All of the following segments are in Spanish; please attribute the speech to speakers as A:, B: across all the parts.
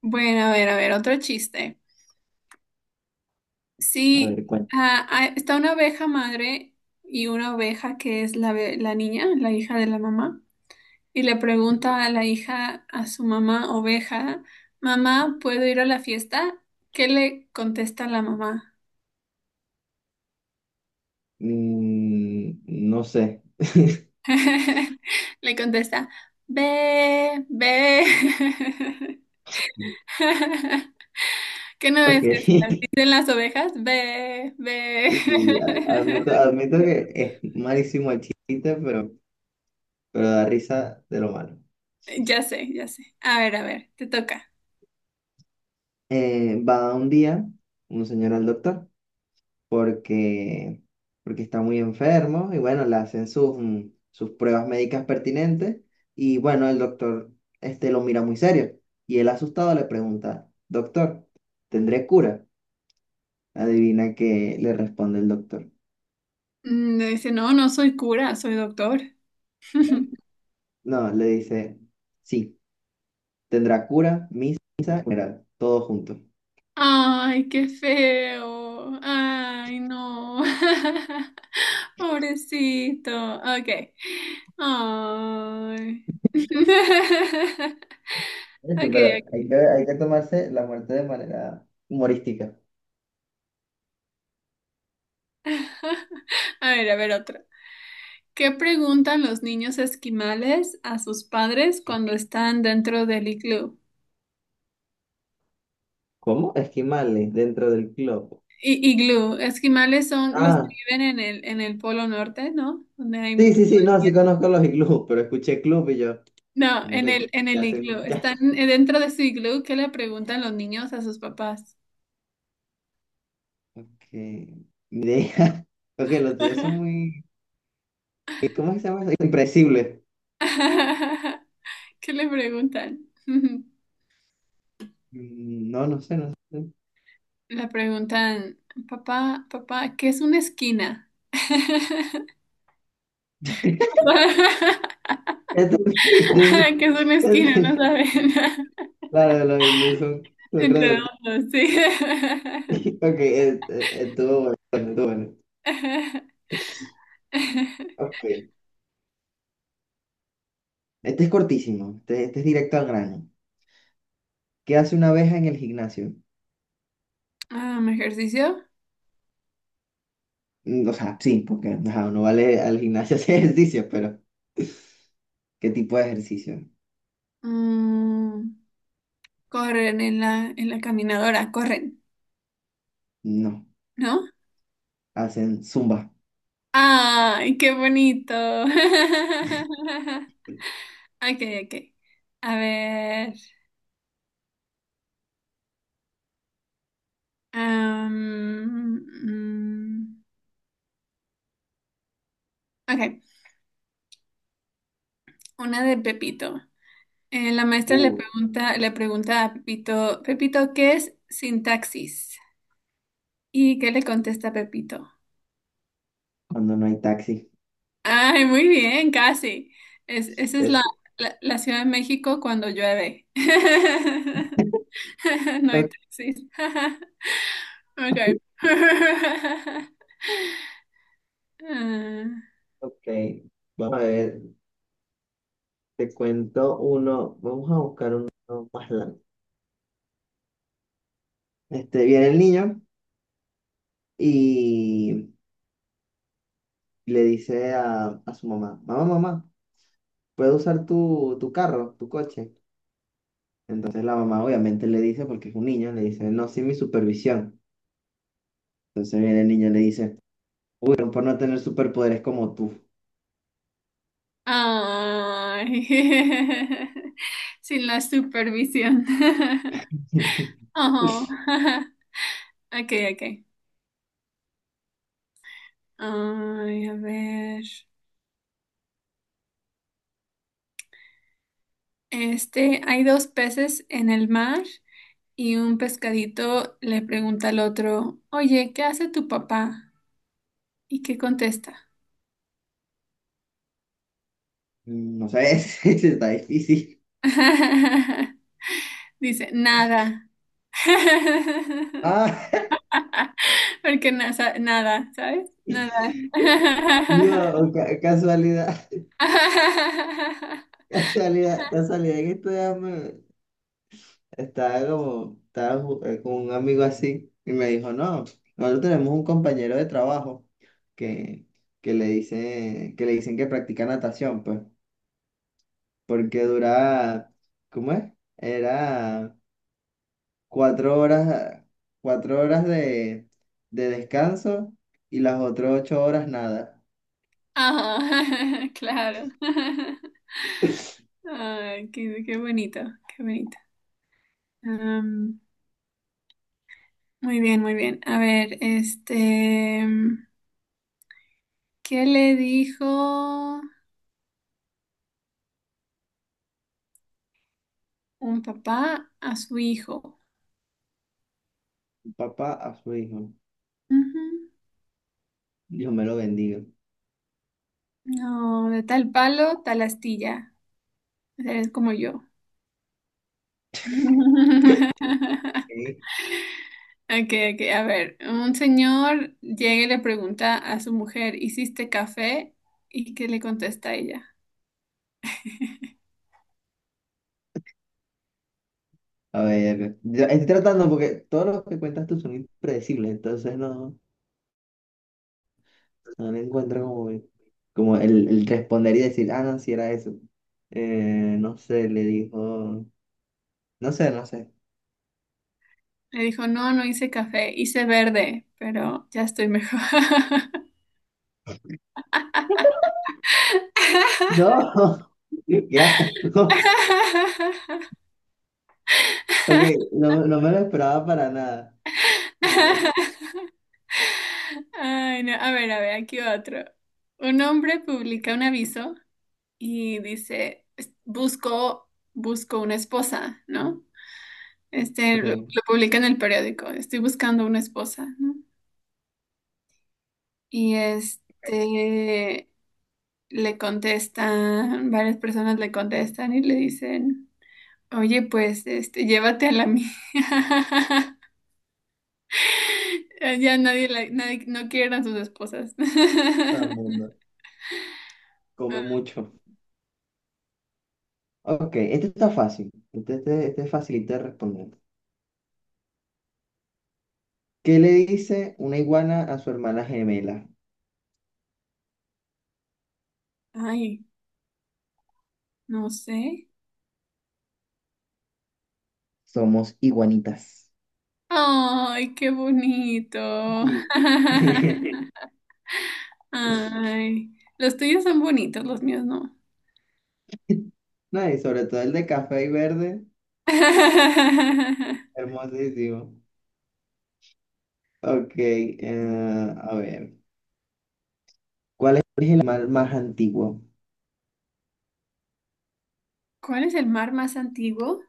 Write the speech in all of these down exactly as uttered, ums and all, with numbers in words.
A: Bueno, a ver, a ver, otro chiste.
B: A
A: Sí,
B: ver, cuál.
A: ah, ah, está una oveja madre y una oveja que es la, be- la niña, la hija de la mamá, y le pregunta a la hija, a su mamá oveja, mamá, ¿puedo ir a la fiesta? ¿Qué le contesta la mamá?
B: Mm, no sé.
A: Le contesta, ve, ve. ¿Qué no
B: Ok.
A: ves? Así dicen las ovejas, ve, ve.
B: Sí, a- admito, admito que es malísimo el chiste, pero, pero da risa de lo malo.
A: Ya sé, ya sé. A ver, a ver, te toca.
B: Eh, va un día un señor al doctor porque, porque está muy enfermo y bueno, le hacen sus, mm, sus pruebas médicas pertinentes y bueno, el doctor este, lo mira muy serio y él asustado le pregunta, doctor, ¿tendré cura? Adivina que le responde el doctor.
A: Mm, le dice, no, no soy cura, soy doctor.
B: No, le dice, sí, tendrá cura, misa y funeral, todo junto.
A: Ay, qué feo. Ay, no. Pobrecito. Ok. Ay.
B: Este,
A: Okay,
B: Pero
A: ok.
B: hay que, hay que tomarse la muerte de manera humorística.
A: A ver, a ver otra. ¿Qué preguntan los niños esquimales a sus padres cuando están dentro del iglú?
B: ¿Cómo? Esquimales dentro del club.
A: I- iglú. Esquimales son los que
B: Ah,
A: viven en el, en el Polo Norte, ¿no? Donde hay...
B: sí, sí, sí, no, sí conozco los iglús, pero escuché club y yo,
A: No,
B: ¿cómo
A: en
B: que
A: el,
B: club?
A: en el
B: Ya sé,
A: iglú.
B: ya.
A: Están eh, dentro de su iglú. ¿Qué le preguntan los niños a sus papás?
B: Que mi idea, ok, los tuyos son muy, ¿cómo es que se llama eso? Impredecibles.
A: ¿Qué le preguntan?
B: Mm, no, no sé, no sé.
A: Le preguntan, papá, papá, ¿qué es una esquina?
B: Entendí, entendí,
A: ¿Qué es una esquina? No
B: entendí.
A: saben.
B: Claro, los iglús son, son
A: En
B: redonditos.
A: redondo, sí.
B: Ok, eh, eh, estuvo bueno, estuvo bueno. Ok, este es cortísimo, este, este es directo al grano. ¿Qué hace una abeja en el gimnasio?
A: Um, ejercicio.
B: Mm, o sea, sí, porque ajá, no vale al gimnasio hacer ejercicio, pero ¿qué tipo de ejercicio?
A: Mm, corren en la, en la caminadora, corren,
B: No,
A: ¿no?
B: hacen zumba.
A: Ay, qué bonito. Ok, ok. A ver. am, mm, ok, una de Pepito. Eh, la maestra le
B: Uh,
A: pregunta, le pregunta a Pepito, Pepito, ¿qué es sintaxis? ¿Y qué le contesta Pepito?
B: cuando no hay taxi.
A: Ay, muy bien, casi. Es, esa es la,
B: Es,
A: la, la Ciudad de México cuando llueve. No hay
B: ok,
A: taxis. Ok. Ah.
B: ok, vamos a ver, te cuento uno, vamos a buscar uno más largo. Este, viene el niño y le dice a, a su mamá, mamá, mamá, puedo usar tu, tu carro, tu coche. Entonces la mamá obviamente le dice, porque es un niño, le dice, no, sin mi supervisión. Entonces viene el niño y le dice, uy, pero por no tener superpoderes como tú.
A: Ay. Sin la supervisión. Ajá. Ok, ok. Ay, a ver. Este, hay dos peces en el mar y un pescadito le pregunta al otro, oye, ¿qué hace tu papá? ¿Y qué contesta?
B: No sé, ese está difícil.
A: Dice, nada.
B: Ah,
A: Porque na- sa- nada, ¿sabes? Nada.
B: no, ca- casualidad, casualidad, casualidad que estoy am- estaba como, estaba ju- eh, con un amigo así y me dijo, no, nosotros tenemos un compañero de trabajo que, que le dice, que le dicen que practica natación, pues. Porque duraba, ¿cómo es? Era cuatro horas, cuatro horas de, de descanso y las otras ocho horas nada.
A: Ajá, claro. Ay, qué, qué bonito, qué bonito. Am, Muy bien, muy bien. A ver, este, mm, ¿qué le dijo un papá a su hijo?
B: Papá a su hijo,
A: Ujú.
B: Dios me lo bendiga.
A: No, de tal palo, tal astilla. Eres como yo.
B: Ok,
A: Okay, okay, a ver, un señor llega y le pregunta a su mujer, ¿hiciste café? ¿Y qué le contesta?
B: a ver, yo estoy tratando porque todos los que cuentas tú son impredecibles, entonces no, no le encuentro como, el- como el, el responder y decir, ah, no, si era eso. Eh, no sé, le dijo, no sé, no sé.
A: Me dijo, no, no hice café, hice verde, pero ya estoy mejor.
B: No, qué asco. Ok, no, no me lo esperaba para nada, sinceramente.
A: Ay, no. A ver, a ver, aquí otro. Un hombre publica un aviso y dice, es- busco, busco una esposa, ¿no? Este, lo,
B: Ok,
A: lo publica en el periódico, estoy buscando una esposa, ¿no? Y este, le contestan, varias personas le contestan y le dicen... Oye, pues, este, llévate a la mía. Ya nadie, la- nadie no quieren a sus esposas.
B: todo el mundo come mucho. Ok, este está fácil. Este, este, este es facilito de responder. ¿Qué le dice una iguana a su hermana gemela?
A: Ay, no sé.
B: Somos iguanitas.
A: Ay, qué bonito.
B: Sí.
A: Ay, los tuyos son bonitos, los míos no.
B: No, y sobre todo el de café y verde, hermosísimo. Ok, eh, a ver. ¿Cuál es el animal más antiguo?
A: ¿Cuál es el mar más antiguo?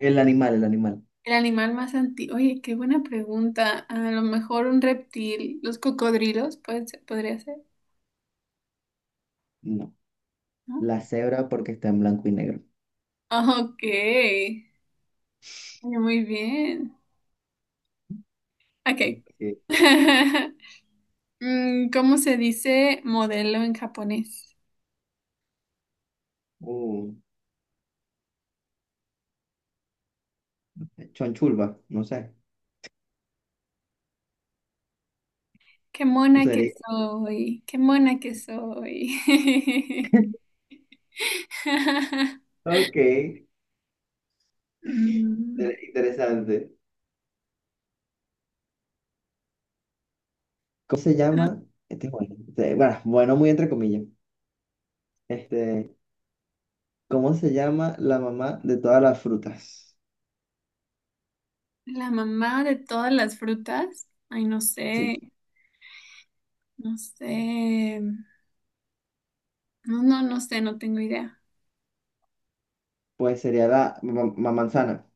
B: El animal, el animal.
A: El animal más antiguo. Oye, qué buena pregunta. A lo mejor un reptil, los cocodrilos, puede ser- podría ser,
B: No,
A: ¿no?
B: la cebra porque está en blanco y negro.
A: Ah, ok. Muy bien. Ok.
B: Ok,
A: Mm, ¿cómo se dice modelo en japonés?
B: uh, Chonchulba, no sé.
A: Qué mona que
B: Sería.
A: soy, qué mona que soy.
B: Ok, inter-
A: Mm,
B: interesante. ¿Cómo se llama? Este es bueno, este, bueno, bueno, muy entre comillas. Este, ¿cómo se llama la mamá de todas las frutas?
A: la mamá de todas las frutas. Ay, no
B: Sí,
A: sé, no sé. No, no, no sé, no tengo idea.
B: pues sería la ma- ma- manzana.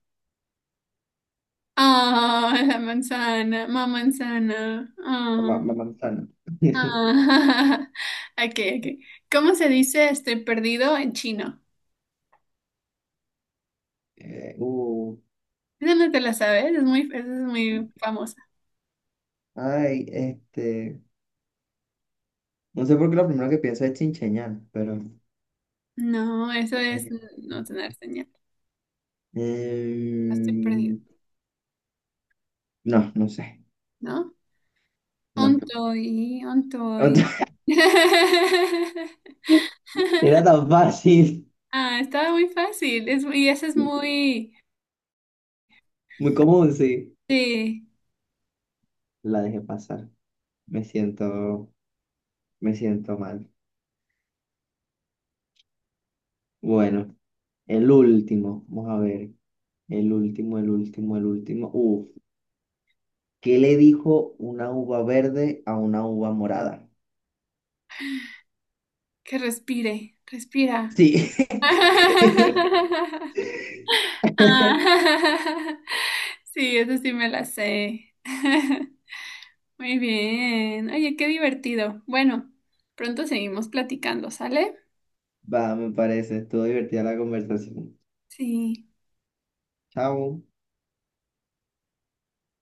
A: Ah, la manzana, mamá manzana. Ah.
B: Ma- ma- manzana.
A: Ah, ok, ok. ¿Cómo se dice estoy perdido en chino?
B: Eh, uh,
A: Esa no te la sabes, es muy, esa es muy famosa.
B: ay, este, no sé por qué lo primero que pienso es chincheñal, pero
A: No, eso es
B: eh,
A: no tener señal. Estoy perdido,
B: eh, no, no sé,
A: ¿no?
B: no.
A: Ontoy, ontoy.
B: Era tan fácil.
A: Ah, estaba muy fácil. Es, y eso es muy...
B: Muy cómodo, sí.
A: Sí,
B: La dejé pasar. Me siento, me siento mal. Bueno, el último. Vamos a ver. El último, el último, el último. Uf. ¿Qué le dijo una uva verde a una uva morada?
A: que respire, respira.
B: Sí.
A: Ah, sí, eso sí me la sé. Muy bien. Oye, qué divertido. Bueno, pronto seguimos platicando, ¿sale?
B: Va, me parece. Estuvo divertida la conversación.
A: Sí.
B: Chao.